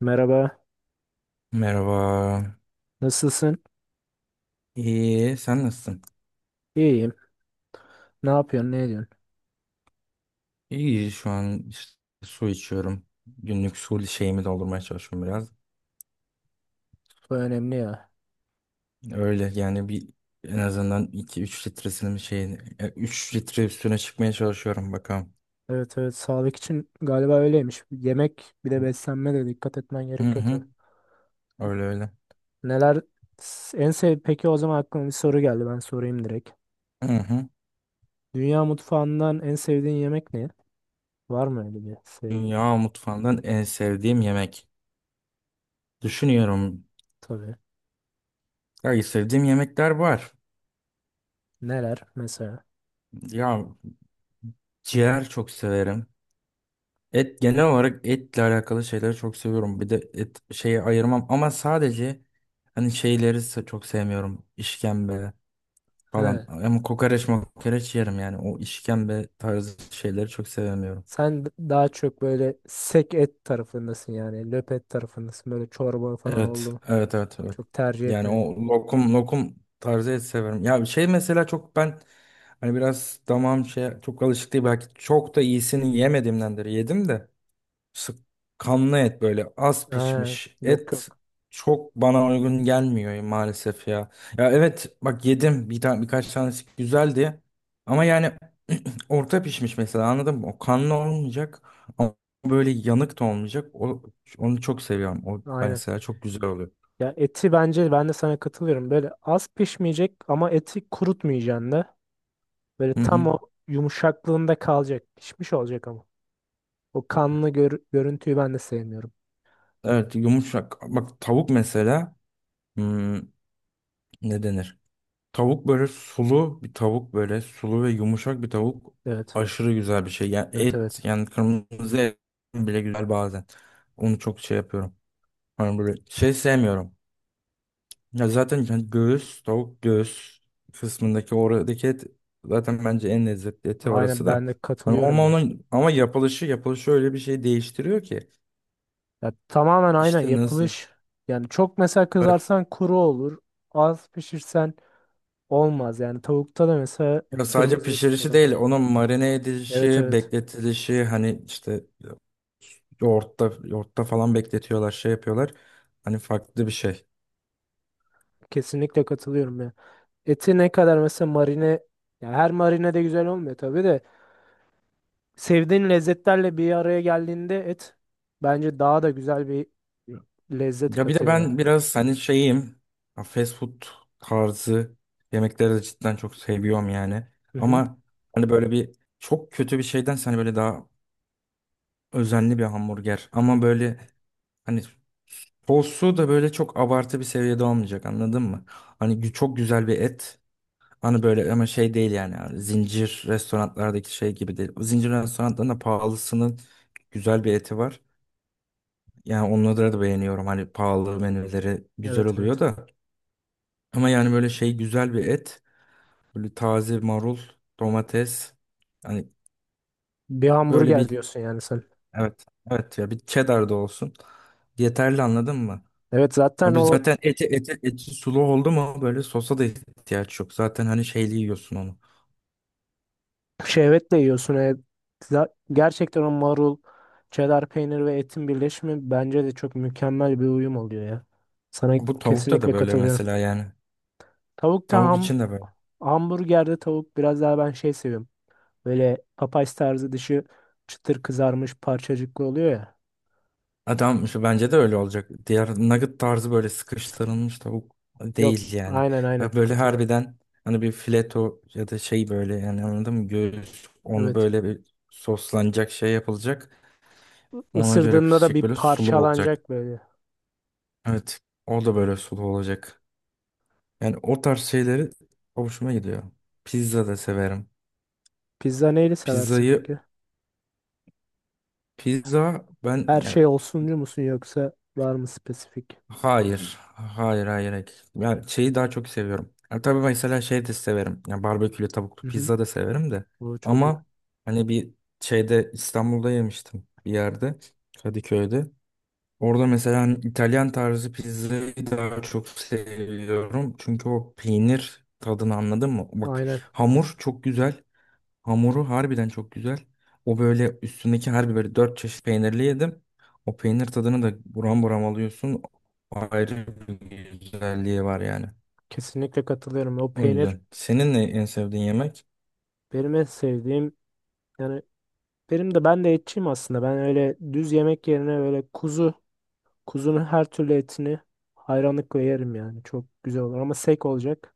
Merhaba, Merhaba. nasılsın? İyi, sen nasılsın? İyiyim. Ne yapıyorsun, ne ediyorsun? İyi, şu an işte su içiyorum. Günlük su şeyimi doldurmaya çalışıyorum biraz. Bu önemli ya. Öyle yani bir en azından 2-3 litresinin şeyini 3 litre üstüne çıkmaya çalışıyorum bakalım. Evet evet, sağlık için galiba öyleymiş. Yemek bir de beslenme de dikkat etmen Hı gerekiyor hı, tabii. öyle öyle. Neler en sev peki o zaman aklıma bir soru geldi ben sorayım direkt. Hı hı. Dünya mutfağından en sevdiğin yemek ne? Var mı öyle bir sevdiğin? Dünya mutfağından en sevdiğim yemek. Düşünüyorum. Tabii. Ya sevdiğim yemekler var. Neler mesela? Ya ciğer çok severim. Et genel olarak etle alakalı şeyleri çok seviyorum. Bir de et şeyi ayırmam ama sadece hani şeyleri çok sevmiyorum. İşkembe falan. He. Ama kokoreç mokoreç yerim yani. O işkembe tarzı şeyleri çok sevmiyorum. Daha çok böyle sek et tarafındasın yani. Löp et tarafındasın. Böyle çorba falan Evet, oldu mu? evet, evet, evet. Çok tercih Yani o etmiyorum. lokum lokum tarzı et severim. Ya bir şey mesela çok ben hani biraz damağım şey çok alışık değil, belki çok da iyisini yemediğimdendir. Yedim de. Sık kanlı et, böyle az He. pişmiş Yok et yok. çok bana uygun gelmiyor maalesef ya. Ya evet bak, yedim bir tane, birkaç tanesi güzeldi ama yani orta pişmiş mesela, anladın mı? O kanlı olmayacak ama böyle yanık da olmayacak. Onu çok seviyorum. O Aynen. mesela çok güzel oluyor. Ya eti bence ben de sana katılıyorum. Böyle az pişmeyecek ama eti kurutmayacaksın da. Böyle Hı hı. tam o yumuşaklığında kalacak. Pişmiş olacak ama. O kanlı görüntüyü ben de sevmiyorum. Evet, yumuşak. Bak, tavuk mesela hmm, ne denir? Tavuk böyle sulu bir tavuk, böyle sulu ve yumuşak bir tavuk Evet. aşırı güzel bir şey. Yani Evet evet. et, yani kırmızı et bile güzel bazen. Onu çok şey yapıyorum. Hani böyle şey sevmiyorum. Ya zaten yani göğüs, tavuk göğüs kısmındaki oradaki et zaten bence en lezzetli eti Aynen orası ben da. de Hani katılıyorum ama ya. onun ama yapılışı öyle bir şey değiştiriyor ki. Ya tamamen aynen İşte nasıl? yapılış. Yani çok mesela Evet. kızarsan kuru olur. Az pişirsen olmaz. Yani tavukta da mesela Ya sadece kırmızı et pişirişi kadar. değil, onun marine Evet edilişi, evet. bekletilişi, hani işte yoğurtta falan bekletiyorlar, şey yapıyorlar. Hani farklı bir şey. Kesinlikle katılıyorum ya. Eti ne kadar mesela marine, ya her marine de güzel olmuyor tabii de. Sevdiğin lezzetlerle bir araya geldiğinde et bence daha da güzel bir lezzet Ya bir de katıyor yani. ben biraz hani şeyim, ya fast food tarzı yemekleri de cidden çok seviyorum yani. Hı hı. Ama hani böyle bir çok kötü bir şeyden hani böyle daha özenli bir hamburger. Ama böyle, hani postu da böyle çok abartı bir seviyede olmayacak, anladın mı? Hani çok güzel bir et. Hani böyle ama şey değil yani. Hani zincir restoranlardaki şey gibi değil. O zincir restoranlarında pahalısının güzel bir eti var. Yani onları da beğeniyorum. Hani pahalı menüleri güzel Evet oluyor evet. da. Ama yani böyle şey, güzel bir et. Böyle taze marul, domates. Hani Bir böyle hamburger bir, diyorsun yani sen. evet. Evet ya, bir cheddar da olsun. Yeterli, anladın mı? Evet zaten Abi o zaten eti sulu oldu mu böyle sosa da ihtiyaç yok. Zaten hani şeyli yiyorsun onu. şehvetle yiyorsun. Gerçekten o marul, çedar peynir ve etin birleşimi bence de çok mükemmel bir uyum oluyor ya. Sana Bu tavukta da kesinlikle böyle katılıyorum. mesela yani. Tavukta Tavuk ham için de böyle. Hamburgerde tavuk biraz daha ben şey seviyorum. Böyle papaz tarzı dışı çıtır kızarmış parçacıklı oluyor ya. Adam şu bence de öyle olacak. Diğer nugget tarzı böyle sıkıştırılmış tavuk Yok değil yani. aynen aynen Böyle katılıyorum. harbiden hani bir fileto ya da şey, böyle yani anladın mı? Göğüs, onu Evet. böyle bir soslanacak, şey yapılacak. Ona göre Isırdığında da pişecek, bir böyle sulu olacak. parçalanacak böyle. Evet. O da böyle sulu olacak. Yani o tarz şeyleri hoşuma gidiyor. Pizza da severim. Pizza neyle seversin Pizzayı, peki? pizza ben Her ya şey olsuncu musun yoksa var mı spesifik? hayır. Hayır, hayır, hayır. Ben şeyi daha çok seviyorum. Ya tabii mesela şey de severim. Ya barbekülü tavuklu Hı hı. pizza da severim de. Bu çok güzel. Ama hani bir şeyde İstanbul'da yemiştim, bir yerde Kadıköy'de. Orada mesela hani İtalyan tarzı pizzayı daha çok seviyorum. Çünkü o peynir tadını, anladın mı? Bak, Aynen. hamur çok güzel. Hamuru harbiden çok güzel. O böyle üstündeki, harbi böyle dört çeşit peynirli yedim. O peynir tadını da buram buram alıyorsun. Ayrı bir güzelliği var yani. Kesinlikle katılıyorum. O O peynir yüzden. Senin ne en sevdiğin yemek? benim en sevdiğim. Yani ben de etçiyim aslında. Ben öyle düz yemek yerine böyle kuzu, kuzunun her türlü etini hayranlıkla yerim yani. Çok güzel olur ama sek olacak.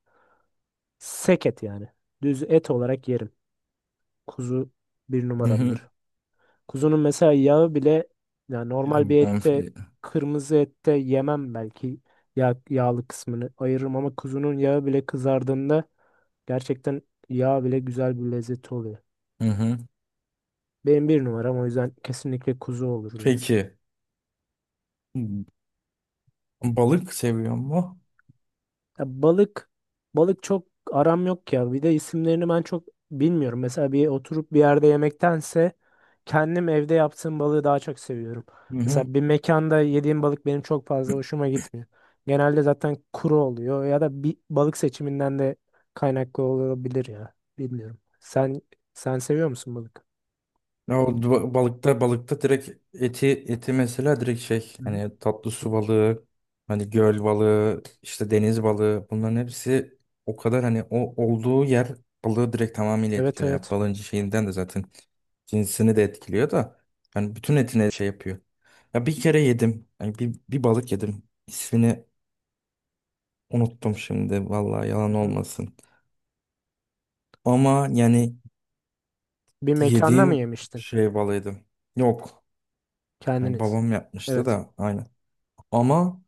Sek et yani. Düz et olarak yerim. Kuzu bir Hı hı. numaramdır. Kuzunun mesela yağı bile yani normal bir Yani ette, bonfile. kırmızı ette yemem belki, yağlı kısmını ayırırım ama kuzunun yağı bile kızardığında gerçekten yağ bile güzel bir lezzeti oluyor. Hı hı. Benim bir numaram o yüzden kesinlikle kuzu olurdu ya. Peki. Balık seviyor mu? Ya balık çok aram yok ya. Bir de isimlerini ben çok bilmiyorum. Mesela bir oturup bir yerde yemektense kendim evde yaptığım balığı daha çok seviyorum. Mesela bir mekanda yediğim balık benim çok fazla hoşuma gitmiyor. Genelde zaten kuru oluyor ya da bir balık seçiminden de kaynaklı olabilir ya. Bilmiyorum. Sen seviyor musun balık? Ya o balıkta direkt eti mesela, direkt şey Hı hı. hani tatlı su balığı, hani göl balığı, işte deniz balığı, bunların hepsi o kadar hani o olduğu yer balığı direkt tamamıyla Evet etkiliyor. Yani evet. balığın şeyinden de zaten cinsini de etkiliyor da yani bütün etine şey yapıyor. Ya bir kere yedim. Yani bir balık yedim. İsmini unuttum şimdi, vallahi Hı yalan hı. olmasın. Ama yani Bir mekanda mı yediğim yemiştin şey balıydı. Yok. Yani kendiniz? babam yapmıştı Evet. da aynı. Ama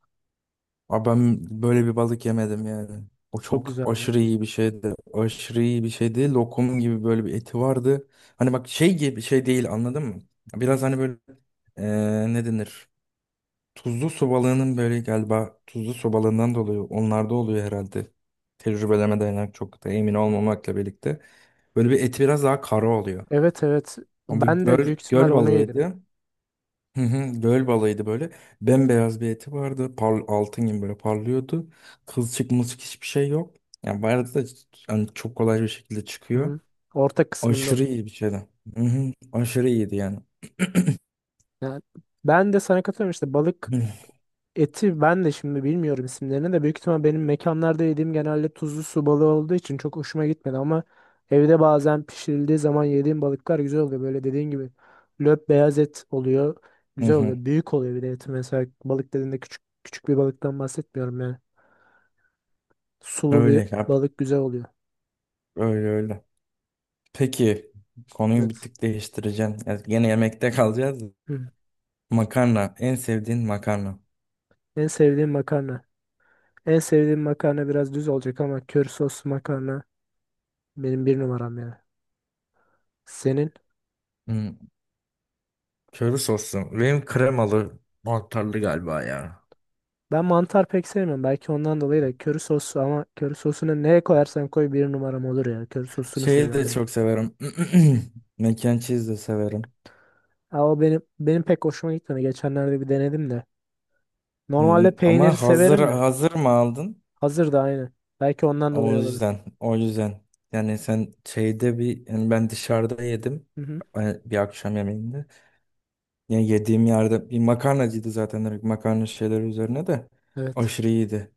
ben böyle bir balık yemedim yani. O Çok çok güzel. aşırı iyi bir şeydi. Aşırı iyi bir şeydi. Lokum gibi böyle bir eti vardı. Hani bak şey gibi şey değil, anladın mı? Biraz hani böyle ne denir? Tuzlu su balığının böyle galiba, tuzlu su balığından dolayı onlarda oluyor herhalde. Tecrübeleme dayanak çok da emin olmamakla birlikte. Böyle bir eti biraz daha kara oluyor. Evet evet. Ama bu Ben de göl, büyük ihtimal göl onu yedim. balığıydı. Hı hı, göl balığıydı böyle. Bembeyaz bir eti vardı. Par altın gibi böyle parlıyordu. Kılçık mılçık hiçbir şey yok. Yani bu da yani çok kolay bir şekilde Hı. çıkıyor. hı. Orta kısmında. Aşırı iyi bir şeydi. Hı hı, aşırı iyiydi yani. Yani ben de sana katılıyorum işte balık. Hı Eti ben de şimdi bilmiyorum isimlerini de büyük ihtimal benim mekanlarda yediğim genelde tuzlu su balığı olduğu için çok hoşuma gitmedi ama evde bazen pişirildiği zaman yediğim balıklar güzel oluyor. Böyle dediğin gibi löp beyaz et oluyor. hı, Güzel oluyor. hı. Büyük oluyor bir de eti, mesela balık dediğinde küçük küçük bir balıktan bahsetmiyorum yani. Sulu bir Öyle yap. balık güzel oluyor. Öyle öyle. Peki, konuyu Evet. bir tık değiştireceğim. Yani gene yemekte kalacağız. Hı. Makarna. En sevdiğin makarna. En sevdiğim makarna. En sevdiğim makarna biraz düz olacak ama köri soslu makarna benim bir numaram yani. Senin? Hı, köri soslu. Benim kremalı mantarlı galiba ya. Ben mantar pek sevmiyorum. Belki ondan dolayı da köri sosu ama köri sosunu neye koyarsan koy bir numaram olur ya. Köri sosunu Şeyi seviyorum de direkt. çok severim. Mac and cheese de severim. Ha, o benim pek hoşuma gitmedi. Geçenlerde bir denedim de. Normalde peyniri Ama hazır severim de. hazır mı aldın? Hazır da aynı. Belki ondan O dolayı olabilir. yüzden, o yüzden. Yani sen şeyde bir, yani ben dışarıda yedim, Hı hı. Bir akşam yemeğinde. Yani yediğim yerde bir makarnacıydı zaten, direkt makarna şeyleri üzerine de Evet. aşırı iyiydi.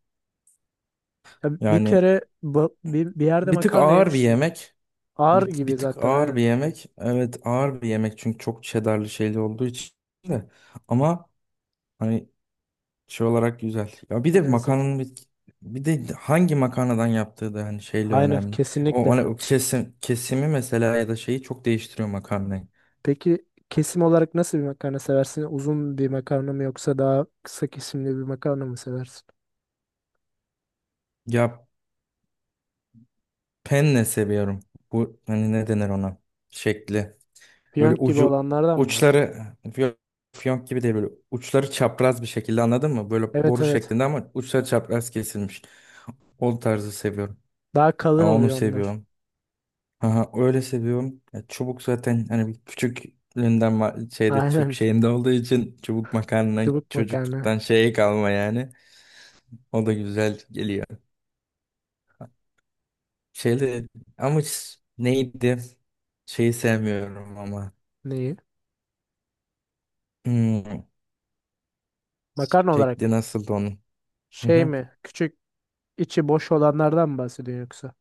Ya bir Yani kere bir yerde bir tık makarna ağır bir yemiştim. yemek. Ağır Bir gibi tık zaten ağır bir aynen. yemek. Evet, ağır bir yemek çünkü çok cheddarlı şeyli olduğu için de. Ama hani şey olarak güzel. Ya bir de Lezzet makarnanın olarak. bir, bir de hangi makarnadan yaptığı da hani şeyle Aynen önemli. O, hani kesinlikle. o kesim, kesimi mesela ya da şeyi çok değiştiriyor makarnayı. Peki kesim olarak nasıl bir makarna seversin? Uzun bir makarna mı yoksa daha kısa kesimli bir makarna mı seversin? Ya penne seviyorum. Bu hani ne denir ona? Şekli. Böyle Piyonk gibi ucu, olanlardan mı bahsediyorsun? uçları fiyonk, fiyonk gibi değil, böyle uçları çapraz bir şekilde, anladın mı? Böyle Evet boru evet. şeklinde ama uçları çapraz kesilmiş. O tarzı seviyorum. Daha Ya kalın onu oluyor onlar. seviyorum. Aha, öyle seviyorum. Ya, çubuk zaten hani bir küçüklüğünden şeyde Türk Aynen. şeyinde olduğu için çubuk makarna Çubuk makarna. çocukluktan şeye kalma yani. O da güzel geliyor. Şeyde ama neydi? Şeyi sevmiyorum ama. Neyi? Hmm, Makarna olarak şekli mı? nasıldı onun? Hı Şey hı. mi? Küçük içi boş olanlardan mı bahsediyorsun yoksa?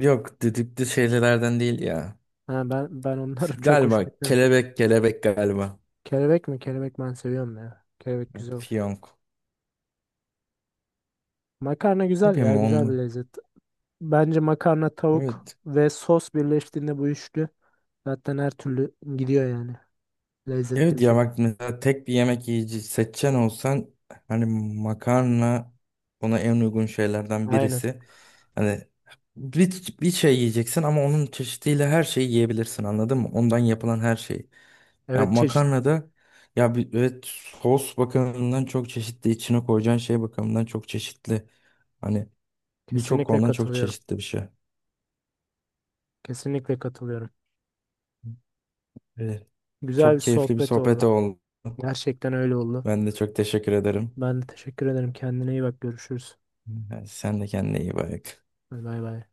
Yok, düdüklü şeylerden değil ya. Ha, ben onları çok hoş Galiba gitmedi. kelebek, kelebek galiba. Kelebek mi? Kelebek ben seviyorum ya. Kelebek güzel oluyor. Fiyonk. Makarna Ne güzel ya. bileyim Güzel bir onu. lezzet. Bence makarna, tavuk Evet. ve sos birleştiğinde bu üçlü zaten her türlü gidiyor yani. Lezzetli bir Evet ya, şekilde. bak mesela tek bir yemek yiyici seçen olsan hani makarna ona en uygun şeylerden Aynen. birisi. Hani bir şey yiyeceksin ama onun çeşidiyle her şeyi yiyebilirsin, anladın mı? Ondan yapılan her şeyi. Ya Evet çeşit. makarnada ya bir, evet sos bakımından çok çeşitli, içine koyacağın şey bakımından çok çeşitli. Hani birçok Kesinlikle konudan çok katılıyorum. çeşitli bir şey. Kesinlikle katılıyorum. Evet. Güzel bir Çok keyifli bir sohbet sohbet oldu. oldu. Gerçekten öyle oldu. Ben de çok teşekkür ederim. Ben de teşekkür ederim. Kendine iyi bak. Görüşürüz. Yani sen de kendine iyi bak. Bay bay.